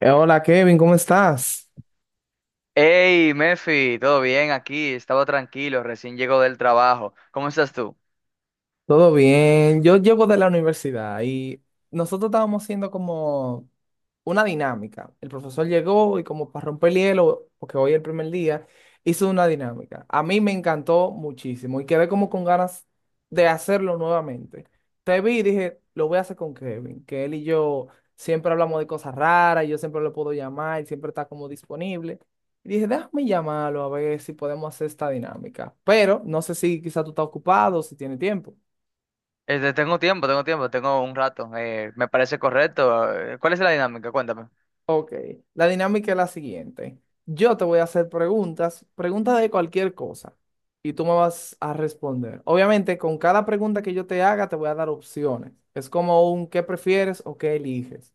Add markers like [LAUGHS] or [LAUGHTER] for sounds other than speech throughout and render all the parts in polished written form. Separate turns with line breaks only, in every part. Hola Kevin, ¿cómo estás?
Hey, Mefi, ¿todo bien aquí? Estaba tranquilo, recién llego del trabajo. ¿Cómo estás tú?
Todo bien, yo llego de la universidad y nosotros estábamos haciendo como una dinámica. El profesor llegó y como para romper el hielo, porque hoy es el primer día, hizo una dinámica. A mí me encantó muchísimo y quedé como con ganas de hacerlo nuevamente. Te vi y dije, lo voy a hacer con Kevin, que él y yo siempre hablamos de cosas raras, y yo siempre lo puedo llamar, él siempre está como disponible. Y dije, déjame llamarlo a ver si podemos hacer esta dinámica. Pero no sé si quizá tú estás ocupado, si tiene tiempo.
Este, tengo tiempo, tengo tiempo, tengo un rato. Me parece correcto. ¿Cuál es la dinámica? Cuéntame.
Ok, la dinámica es la siguiente. Yo te voy a hacer preguntas, preguntas de cualquier cosa, y tú me vas a responder. Obviamente, con cada pregunta que yo te haga, te voy a dar opciones. Es como un qué prefieres o qué eliges.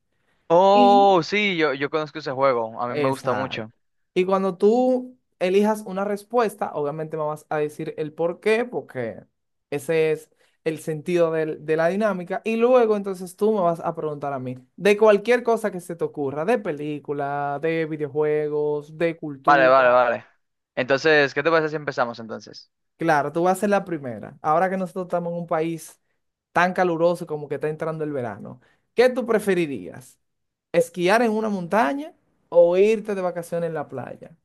Y
Oh, sí, yo conozco ese juego. A mí me gusta mucho.
exacto. Y cuando tú elijas una respuesta, obviamente me vas a decir el por qué, porque ese es el de la dinámica. Y luego entonces tú me vas a preguntar a mí de cualquier cosa que se te ocurra, de película, de videojuegos, de
Vale, vale,
cultura.
vale. Entonces, ¿qué te parece si empezamos entonces?
Claro, tú vas a ser la primera. Ahora que nosotros estamos en un país tan caluroso como que está entrando el verano, ¿qué tú preferirías? ¿Esquiar en una montaña o irte de vacaciones en la playa?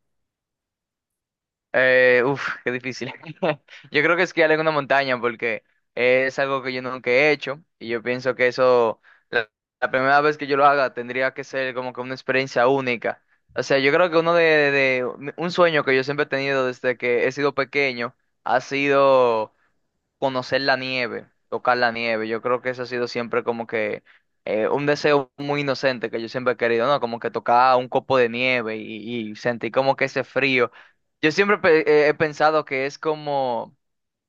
Uf, qué difícil. [LAUGHS] Yo creo que esquiar en una montaña porque es algo que yo nunca he hecho y yo pienso que eso, la, la primera vez que yo lo haga, tendría que ser como que una experiencia única. O sea, yo creo que de un sueño que yo siempre he tenido desde que he sido pequeño ha sido conocer la nieve, tocar la nieve. Yo creo que eso ha sido siempre como que un deseo muy inocente que yo siempre he querido, ¿no? Como que tocar un copo de nieve y sentir como que ese frío. Yo siempre he pensado que es como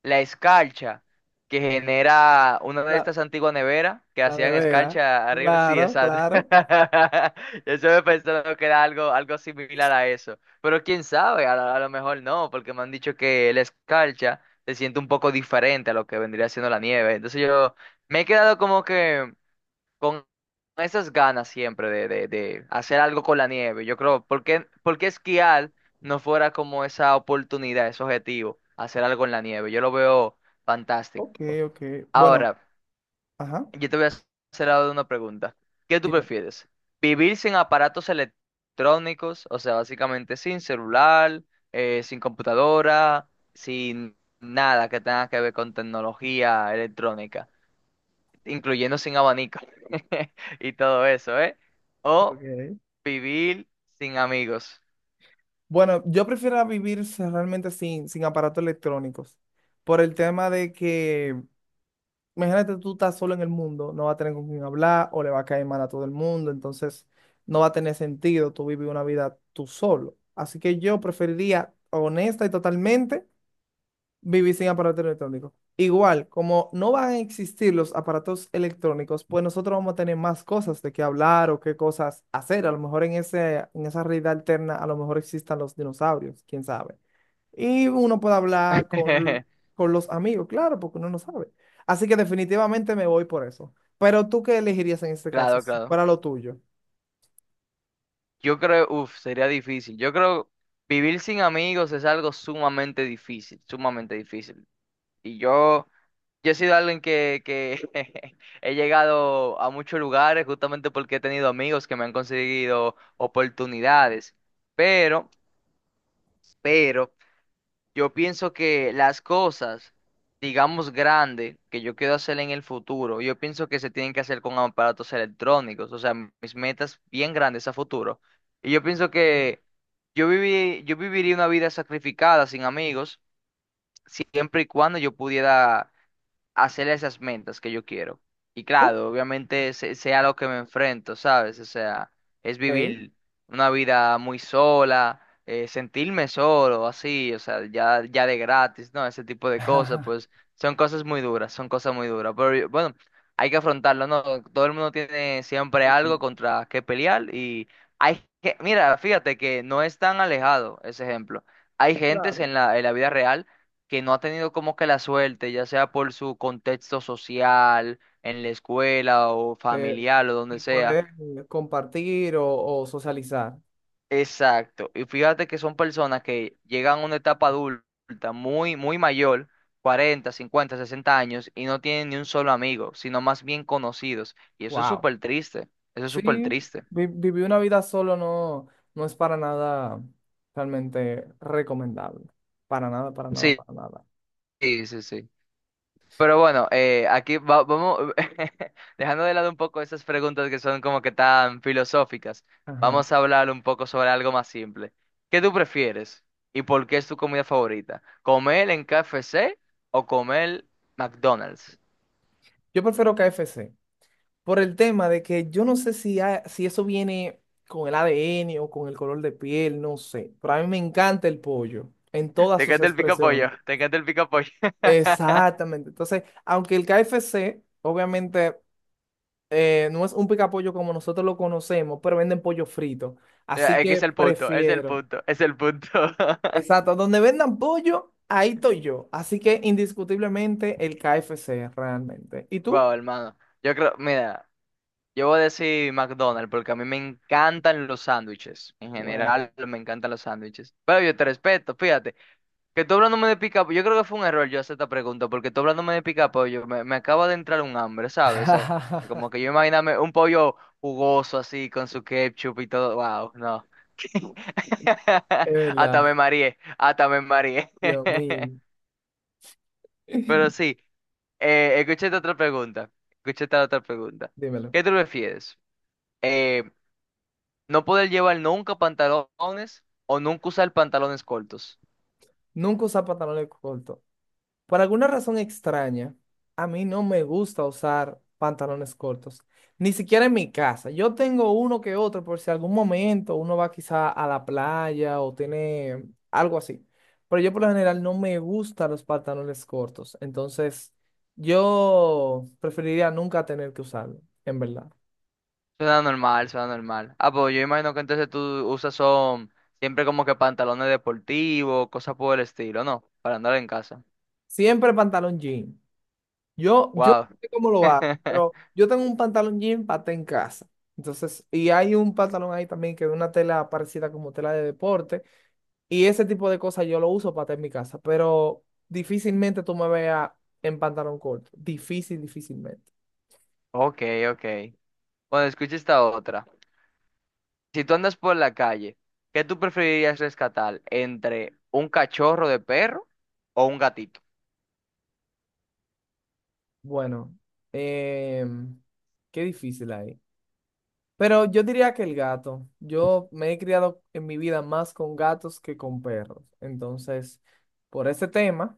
la escarcha que genera una de estas antiguas neveras que
La
hacían
nevera.
escarcha arriba. Sí,
Claro,
exacto.
claro.
[LAUGHS] Yo me pensando que era algo, algo similar a eso. Pero quién sabe, a lo mejor no, porque me han dicho que la escarcha se siente un poco diferente a lo que vendría siendo la nieve. Entonces yo me he quedado como que con esas ganas siempre de hacer algo con la nieve. Yo creo, por qué esquiar no fuera como esa oportunidad, ese objetivo, hacer algo en la nieve? Yo lo veo
Ok,
fantástico.
ok. Bueno,
Ahora,
ajá.
yo te voy a hacer ahora una pregunta. ¿Qué tú
Dime.
prefieres? ¿Vivir sin aparatos electrónicos? O sea, básicamente sin celular, sin computadora, sin nada que tenga que ver con tecnología electrónica incluyendo sin abanico [LAUGHS] y todo eso, ¿eh? O
Ok.
vivir sin amigos.
Bueno, yo prefiero realmente sin aparatos electrónicos. Por el tema de que, imagínate, tú estás solo en el mundo, no va a tener con quién hablar o le va a caer mal a todo el mundo, entonces no va a tener sentido tú vivir una vida tú solo. Así que yo preferiría, honesta y totalmente, vivir sin aparatos electrónicos. Igual, como no van a existir los aparatos electrónicos, pues nosotros vamos a tener más cosas de qué hablar o qué cosas hacer. A lo mejor en esa realidad alterna, a lo mejor existan los dinosaurios, quién sabe. Y uno puede hablar
[LAUGHS]
con los amigos, claro, porque uno no sabe. Así que definitivamente me voy por eso. Pero tú qué elegirías en este caso,
Claro,
si
claro.
fuera lo tuyo.
Yo creo, uff, sería difícil. Yo creo vivir sin amigos es algo sumamente difícil, sumamente difícil. Y yo, yo he sido alguien que [LAUGHS] he llegado a muchos lugares justamente porque he tenido amigos que me han conseguido oportunidades. Pero, pero, Yo pienso que las cosas, digamos grandes, que yo quiero hacer en el futuro, yo pienso que se tienen que hacer con aparatos electrónicos, o sea, mis metas bien grandes a futuro. Y yo pienso
Mm.
que yo viviría una vida sacrificada sin amigos, siempre y cuando yo pudiera hacer esas metas que yo quiero. Y
Ok.
claro, obviamente sea lo que me enfrento, ¿sabes? O sea, es vivir una vida muy sola, sentirme solo, así, o sea, ya, ya de gratis, ¿no? Ese tipo de cosas,
[LAUGHS]
pues son cosas muy duras, son cosas muy duras. Pero bueno, hay que afrontarlo, ¿no? Todo el mundo tiene siempre algo contra qué pelear y hay que, mira, fíjate que no es tan alejado ese ejemplo. Hay gentes
Claro.
en la vida real que no ha tenido como que la suerte, ya sea por su contexto social, en la escuela o
De,
familiar o donde
de
sea.
poder compartir o socializar.
Exacto. Y fíjate que son personas que llegan a una etapa adulta muy, muy mayor, 40, 50, 60 años, y no tienen ni un solo amigo, sino más bien conocidos. Y eso es
Wow.
súper triste. Eso es súper
Sí,
triste.
vivir una vida solo no, no es para nada realmente recomendable. Para nada, para nada,
Sí,
para nada.
sí, sí, sí. Pero bueno, aquí vamos, [LAUGHS] dejando de lado un poco esas preguntas que son como que tan filosóficas,
Ajá.
vamos a hablar un poco sobre algo más simple. ¿Qué tú prefieres y por qué es tu comida favorita? ¿Comer en KFC o comer McDonald's?
Yo prefiero KFC por el tema de que yo no sé si eso viene con el ADN o con el color de piel, no sé. Pero a mí me encanta el pollo en
[LAUGHS]
todas
¿Te
sus
encanta el pico
expresiones.
pollo? ¿Te encanta el pico pollo? [LAUGHS]
Exactamente. Entonces, aunque el KFC, obviamente, no es un picapollo como nosotros lo conocemos, pero venden pollo frito. Así
Es que es
que
el punto, es el
prefiero.
punto, es el punto. [LAUGHS]
Exacto, donde vendan pollo, ahí estoy yo. Así que indiscutiblemente el KFC, realmente. ¿Y tú?
Wow, hermano. Yo creo, mira. Yo voy a decir McDonald's porque a mí me encantan los sándwiches. En
Bueno,
general, me encantan los sándwiches. Pero yo te respeto, fíjate. Que tú hablándome de pica, yo creo que fue un error yo hacer esta pregunta porque tú hablándome de pica pollo, me acaba de entrar un hambre, ¿sabes? O sea,
[LAUGHS]
como que yo imaginarme un pollo jugoso así con su ketchup y todo. Wow, no.
es
[LAUGHS] Hasta
verdad.
me mareé, hasta me mareé.
Yo
[LAUGHS]
muy,
Pero
[LAUGHS]
sí, escuché esta otra pregunta. Escuché esta otra pregunta.
dímelo.
¿Qué tú prefieres? Eh, No poder llevar nunca pantalones o nunca usar pantalones cortos.
Nunca usar pantalones cortos. Por alguna razón extraña, a mí no me gusta usar pantalones cortos, ni siquiera en mi casa. Yo tengo uno que otro por si algún momento uno va quizá a la playa o tiene algo así. Pero yo por lo general no me gustan los pantalones cortos, entonces yo preferiría nunca tener que usarlo, en verdad.
Suena normal, suena normal. Ah, pues yo imagino que entonces tú usas son siempre como que pantalones deportivos, cosas por el estilo, ¿no? Para andar en casa.
Siempre pantalón jean. Yo no
Wow.
sé cómo lo hago, pero
[LAUGHS]
yo tengo un pantalón jean paté en casa. Entonces, y hay un pantalón ahí también que es una tela parecida como tela de deporte. Y ese tipo de cosas yo lo uso paté en mi casa, pero difícilmente tú me veas en pantalón corto. Difícil, difícilmente.
Ok, ok. Bueno, escucha esta otra. Si tú andas por la calle, ¿qué tú preferirías rescatar entre un cachorro de perro o un gatito?
Bueno, em, qué difícil ahí. Pero yo diría que el gato. Yo me he criado en mi vida más con gatos que con perros. Entonces, por ese tema.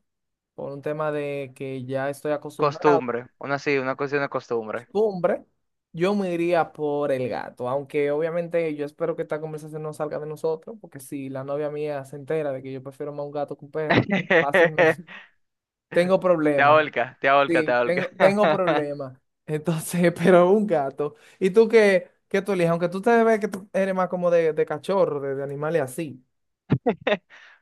Por un tema de que ya estoy acostumbrado,
Costumbre, una sí, una cuestión de costumbre.
costumbre, yo me iría por el gato, aunque obviamente yo espero que esta conversación no salga de nosotros, porque si la novia mía se entera de que yo prefiero más un gato que un perro, pues, fácilmente
[LAUGHS]
[LAUGHS] tengo
Te
problemas.
aholca, te aholca, te
Sí,
aholca.
tengo
[LAUGHS]
problemas. Entonces, [LAUGHS] pero un gato. ¿Y tú qué, qué tú eliges? Aunque tú te ves que tú eres más como de cachorro, de animales así.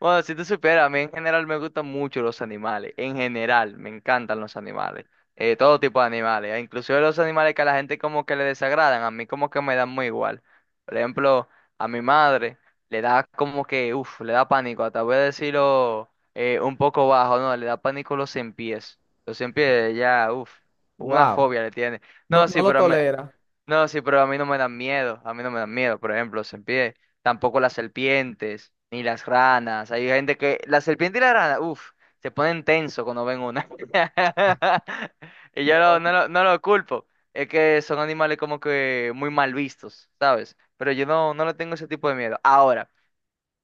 Bueno, si tú supieras, a mí en general me gustan mucho los animales. En general, me encantan los animales. Todo tipo de animales. Inclusive los animales que a la gente como que le desagradan, a mí como que me dan muy igual. Por ejemplo, a mi madre le da como que, uff, le da pánico. Hasta voy a decirlo un poco bajo, no, le da pánico los cien pies. Los cien pies, ya, uff, una
Wow.
fobia le tiene.
No,
No,
no
sí,
lo
pero me
tolera.
No, sí, pero a mí no me dan miedo, a mí no me dan miedo, por ejemplo, los serpientes, tampoco las serpientes, ni las ranas, hay gente que, la serpiente y la rana, uff, se ponen tenso cuando ven una, [LAUGHS] y yo no,
No.
no, no lo culpo, es que son animales como que muy mal vistos, ¿sabes? Pero yo no, no le tengo ese tipo de miedo. Ahora,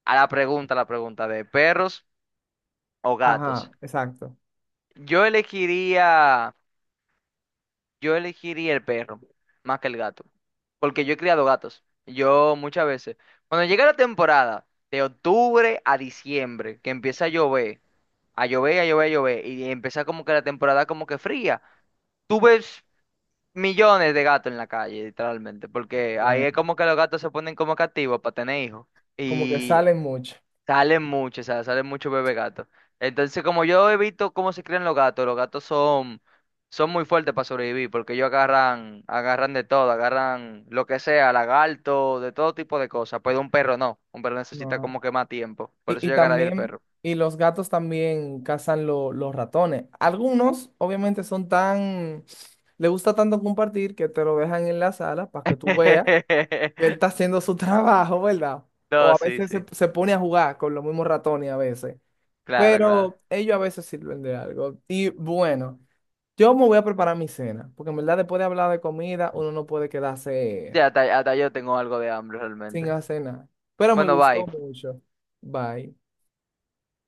a la pregunta de perros o gatos,
Ajá, exacto.
yo elegiría... Yo elegiría el perro más que el gato, porque yo he criado gatos. Yo muchas veces, cuando llega la temporada de octubre a diciembre, que empieza a llover, a llover, y empieza como que la temporada como que fría, tú ves millones de gatos en la calle, literalmente, porque ahí es
Bueno,
como que los gatos se ponen como que activos para tener hijos.
como que
Y
salen mucho.
salen mucho, o sea, salen muchos bebé gatos. Entonces, como yo he visto cómo se crían los gatos son, son muy fuertes para sobrevivir, porque ellos agarran, agarran de todo, agarran lo que sea, lagarto, de todo tipo de cosas. Pero un perro no, un perro necesita
No.
como que más tiempo. Por eso
Y
yo agarraría el
también,
perro.
y los gatos también cazan los ratones. Algunos, obviamente, son tan, le gusta tanto compartir que te lo dejan en la sala para que tú veas que él
[LAUGHS]
está haciendo su [LAUGHS] trabajo, ¿verdad? O
No,
a
sí,
veces
sí.
se pone a jugar con los mismos ratones a veces.
Claro, claro.
Pero ellos a veces sirven de algo. Y bueno, yo me voy a preparar mi cena, porque en verdad después de hablar de comida, uno no puede quedarse
Sí, hasta, hasta yo tengo algo de hambre
sin
realmente.
hacer nada. Pero me
Bueno, bye.
gustó mucho. Bye.